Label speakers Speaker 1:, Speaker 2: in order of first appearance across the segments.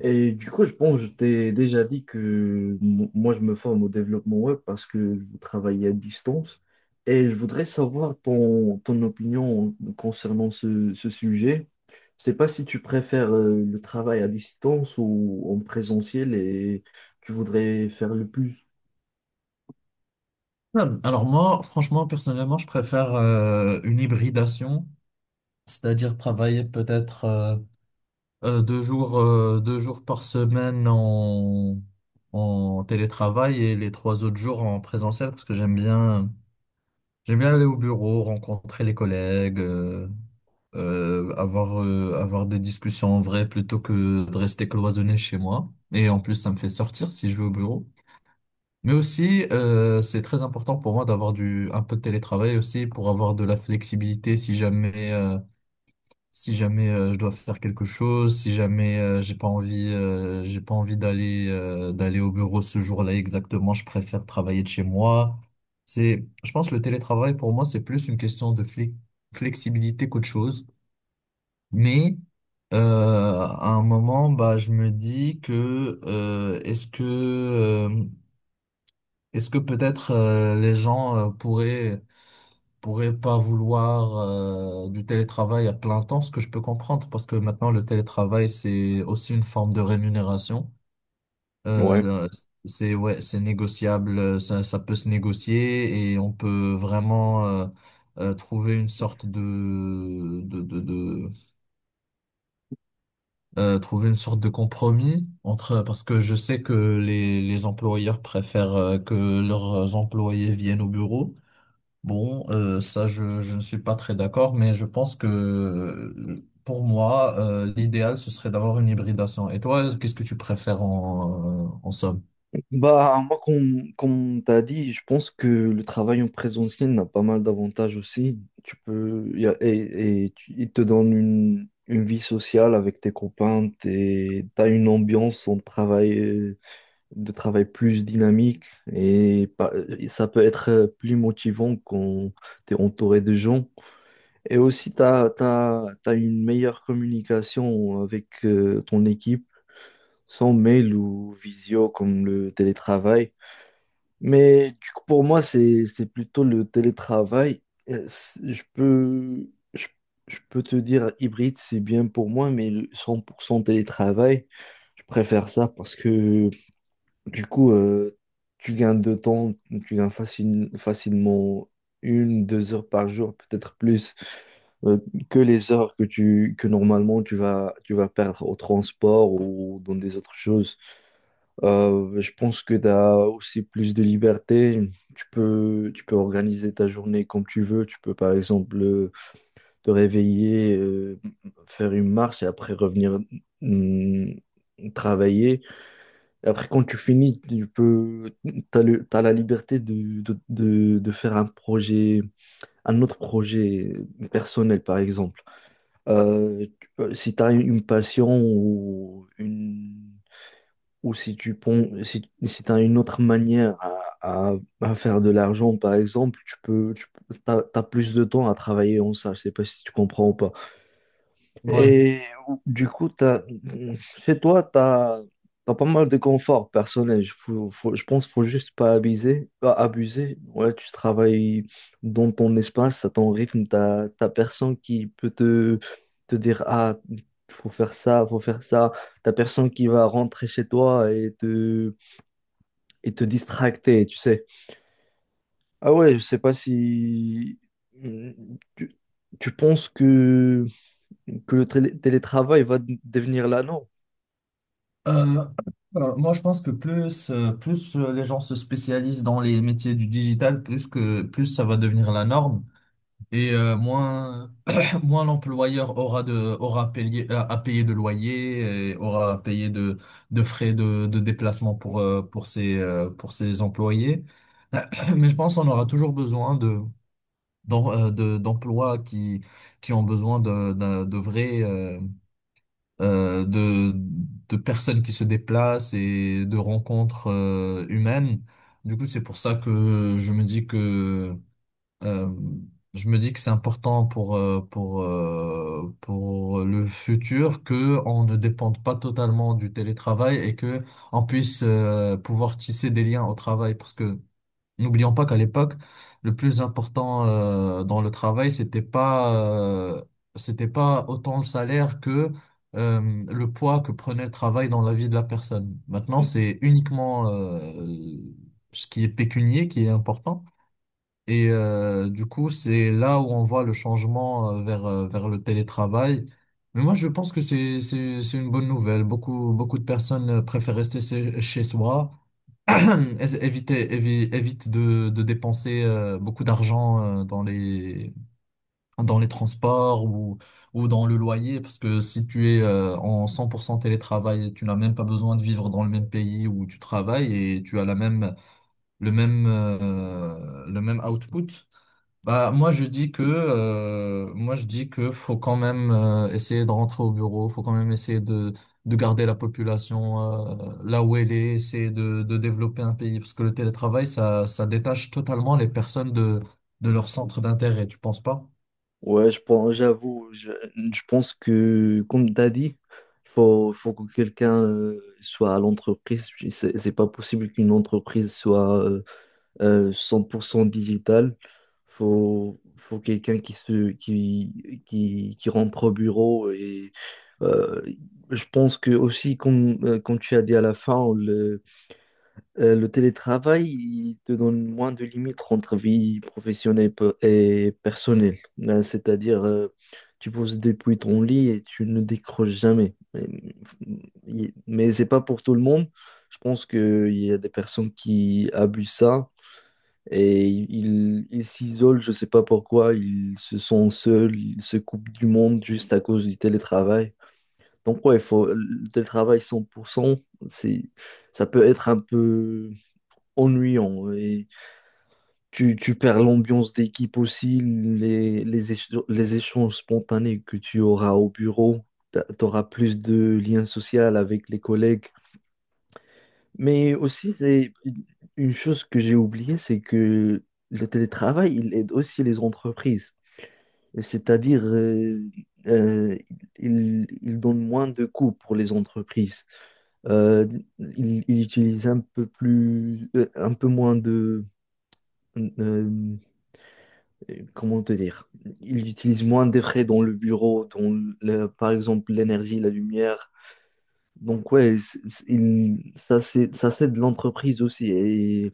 Speaker 1: Et du coup, je pense que je t'ai déjà dit que moi, je me forme au développement web parce que je veux travailler à distance. Et je voudrais savoir ton opinion concernant ce sujet. Je sais pas si tu préfères le travail à distance ou en présentiel et tu voudrais faire le plus.
Speaker 2: Alors moi, franchement, personnellement, je préfère une hybridation, c'est-à-dire travailler peut-être deux jours, deux jours par semaine en télétravail et les trois autres jours en présentiel parce que j'aime bien aller au bureau, rencontrer les collègues, avoir des discussions en vrai plutôt que de rester cloisonné chez moi. Et en plus, ça me fait sortir si je vais au bureau. Mais aussi, c'est très important pour moi d'avoir du un peu de télétravail aussi pour avoir de la flexibilité si jamais je dois faire quelque chose, si jamais j'ai pas envie d'aller au bureau ce jour-là exactement, je préfère travailler de chez moi. Je pense que le télétravail pour moi c'est plus une question de flexibilité qu'autre chose, mais à un moment, bah, je me dis que est-ce que est-ce que peut-être les gens pourraient pas vouloir du télétravail à plein temps, ce que je peux comprendre, parce que maintenant le télétravail c'est aussi une forme de rémunération. Euh,
Speaker 1: Ouais.
Speaker 2: le- c'est ouais, c'est négociable, ça peut se négocier et on peut vraiment trouver une sorte de trouver une sorte de compromis entre parce que je sais que les employeurs préfèrent que leurs employés viennent au bureau. Bon, je ne suis pas très d'accord, mais je pense que pour moi, l'idéal, ce serait d'avoir une hybridation. Et toi, qu'est-ce que tu préfères en somme?
Speaker 1: Bah, moi, comme t'as dit, je pense que le travail en présentiel a pas mal d'avantages aussi. Tu peux, y a- et tu- Il te donne une vie sociale avec tes copains, t'as une ambiance en de travail plus dynamique et, pa- et ça peut être plus motivant quand t'es entouré de gens. Et aussi, tu as, t'as, t'as, t'as une meilleure communication avec ton équipe, sans mail ou visio comme le télétravail. Mais du coup, pour moi, c'est plutôt le télétravail. Euh, c'est- Je peux, je, je peux te dire hybride, c'est bien pour moi, mais le 100% télétravail, je préfère ça parce que du coup, tu gagnes de temps, tu gagnes facilement une, deux heures par jour, peut-être plus, euh, que les heures que normalement tu vas perdre au transport ou dans des autres choses. Je pense que tu as aussi plus de liberté. Tu peux organiser ta journée comme tu veux. Tu peux, par exemple, te réveiller, faire une marche et après revenir hum, travailler. Et après, quand tu finis, t'as la liberté de faire un autre projet personnel, par exemple. Tu si tu as une passion ou si si t'as une autre manière à- à faire de l'argent, par exemple, tu as plus de temps à travailler en ça. Je sais pas si tu comprends ou pas.
Speaker 2: Ouais.
Speaker 1: Et du coup, chez toi, tu as pas mal de confort personnel. Je pense qu'il faut juste pas abuser. Pas abuser. Ouais, tu travailles dans ton espace, à ton rythme. Tu n'as personne qui peut te dire, ah, faut faire ça, faut faire ça. T'as personne qui va rentrer chez toi et te distracter, tu sais. Ah ouais, je sais pas si... Tu, tu penses que le télétravail va devenir la norme?
Speaker 2: Euh, Moi, je pense que plus, plus les gens se spécialisent dans les métiers du digital, plus ça va devenir la norme. Et moins, moins l'employeur aura aura à payer de loyer et aura à payer de frais de déplacement pour pour ses employés. Mais je pense qu'on aura toujours besoin d'emplois qui ont besoin de vrais, euh, de, de personnes qui se déplacent et de rencontres, humaines. Du coup, c'est pour ça que euh, je me dis que c'est important pour pour le futur que on ne dépende pas totalement du télétravail et que on puisse pouvoir tisser des liens au travail parce que n'oublions pas qu'à l'époque le plus important dans le travail c'était pas autant le salaire que le poids que prenait le travail dans la vie de la personne. Maintenant, c'est uniquement ce qui est pécunier qui est important. Et du coup, c'est là où on voit le changement vers le télétravail. Mais moi, je pense que c'est une bonne nouvelle. Beaucoup, beaucoup de personnes préfèrent rester chez soi, évite de dépenser beaucoup d'argent dans dans les transports ou dans le loyer, parce que si tu es en 100% télétravail, tu n'as même pas besoin de vivre dans le même pays où tu travailles et tu as la même, le même, le même output. Bah, moi je dis que faut quand même essayer de rentrer au bureau, faut quand même essayer de garder la population là où elle est, essayer de développer un pays parce que le télétravail ça détache totalement les personnes de leur centre d'intérêt, tu penses pas?
Speaker 1: Ouais, je pense, j'avoue, je pense que, comme tu as dit, faut que quelqu'un soit à l'entreprise. Puis c'est pas possible qu'une entreprise soit 100% digitale. Faut quelqu'un qui, se, qui rentre au bureau. Et euh, je pense que aussi, comme tu as dit à la fin, le télétravail, il te donne moins de limites entre vie professionnelle et personnelle. C'est-à-dire, tu poses depuis ton lit et tu ne décroches jamais. Mais c'est pas pour tout le monde. Je pense qu'il y a des personnes qui abusent ça et ils s'isolent, je sais pas pourquoi, ils se sentent seuls, ils se coupent du monde juste à cause du télétravail. Donc ouais, le télétravail 100%, c'est, ça peut être un peu ennuyant. Et tu perds l'ambiance d'équipe aussi, les échanges spontanés que tu auras au bureau. Tu auras plus de liens sociaux avec les collègues. Mais aussi, c'est une chose que j'ai oubliée, c'est que le télétravail, il aide aussi les entreprises. C'est-à-dire, euh, il donne moins de coûts pour les entreprises. Euh, il utilise un peu moins euh, comment te dire, ils utilisent moins de frais dans le bureau, dans par exemple l'énergie, la lumière. Donc ouais, ça c'est de l'entreprise aussi. Et,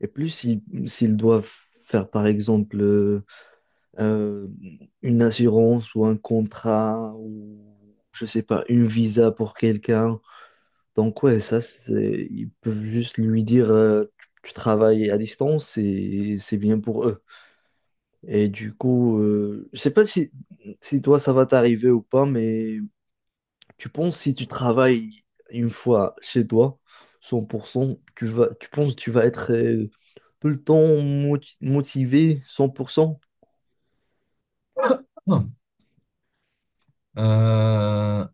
Speaker 1: et plus s'ils doivent faire par exemple euh, une assurance ou un contrat ou je sais pas, une visa pour quelqu'un. Donc ouais, ça c'est ils peuvent juste lui dire tu travailles à distance et c'est bien pour eux. Et du coup, je sais pas si toi ça va t'arriver ou pas, mais tu penses si tu travailles une fois chez toi, 100% tu penses que tu vas être tout le temps motivé, cent pour cent?
Speaker 2: Non. Euh,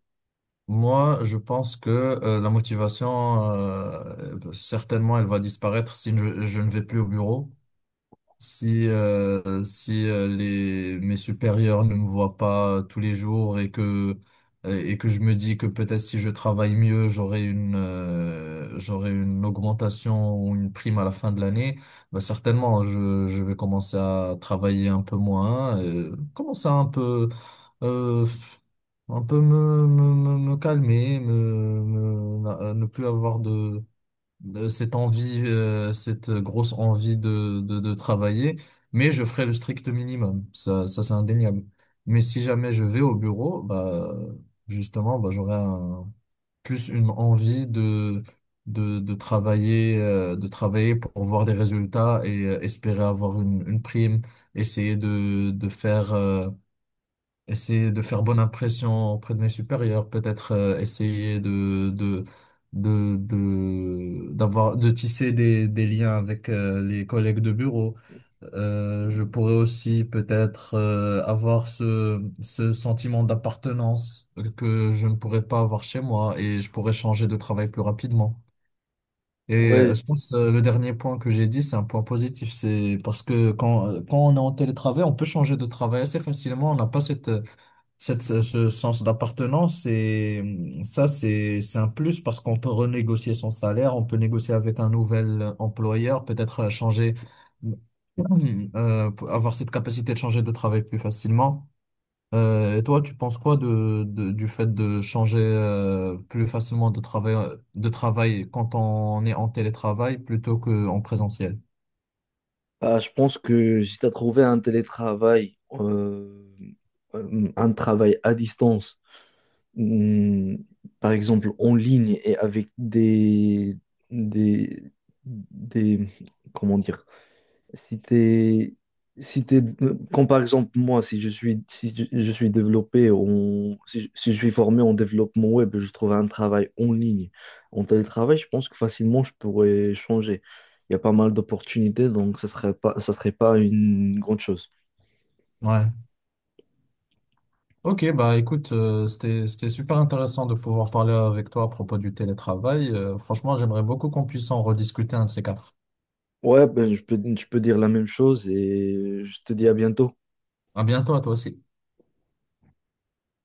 Speaker 2: Moi je pense que la motivation certainement elle va disparaître si je ne vais plus au bureau. Si, si Les, mes supérieurs ne me voient pas tous les jours et que je me dis que peut-être si je travaille mieux, j'aurai une augmentation ou une prime à la fin de l'année, bah certainement, je vais commencer à travailler un peu moins, commencer à euh, un peu me calmer, ne plus avoir de cette envie, cette grosse envie de travailler, mais je ferai le strict minimum. Ça c'est indéniable. Mais si jamais je vais au bureau, bah, justement, bah, plus une envie de travailler pour voir des résultats et espérer avoir une prime, essayer essayer de faire bonne impression auprès de mes supérieurs, peut-être essayer de d'avoir de tisser des liens avec les collègues de bureau. Je pourrais aussi peut-être avoir ce sentiment d'appartenance que je ne pourrais pas avoir chez moi et je pourrais changer de travail plus rapidement. Et
Speaker 1: Ouais,
Speaker 2: je pense le dernier point que j'ai dit, c'est un point positif, c'est parce que quand on est en télétravail, on peut changer de travail assez facilement, on n'a pas cette ce sens d'appartenance, c'est un plus parce qu'on peut renégocier son salaire, on peut négocier avec un nouvel employeur, peut-être pour avoir cette capacité de changer de travail plus facilement. Et toi, tu penses quoi du fait de changer, plus facilement de travail quand on est en télétravail plutôt qu'en présentiel?
Speaker 1: bah, je pense que si tu as trouvé un travail à distance, hum, par exemple en ligne et avec des, des, comment dire, Si t'es, si t'es, comme par exemple moi, si je suis, si je, je suis développé, en- si, je si je suis formé en développement web, je trouve un travail en ligne, en télétravail, je pense que facilement je pourrais changer. Il y a pas mal d'opportunités, donc ça serait pas une grande chose.
Speaker 2: Ouais. Ok, bah écoute, c'était super intéressant de pouvoir parler avec toi à propos du télétravail. Franchement, j'aimerais beaucoup qu'on puisse en rediscuter un de ces quatre.
Speaker 1: Ouais, ben, je peux dire la même chose et je te dis à bientôt.
Speaker 2: À bientôt à toi aussi.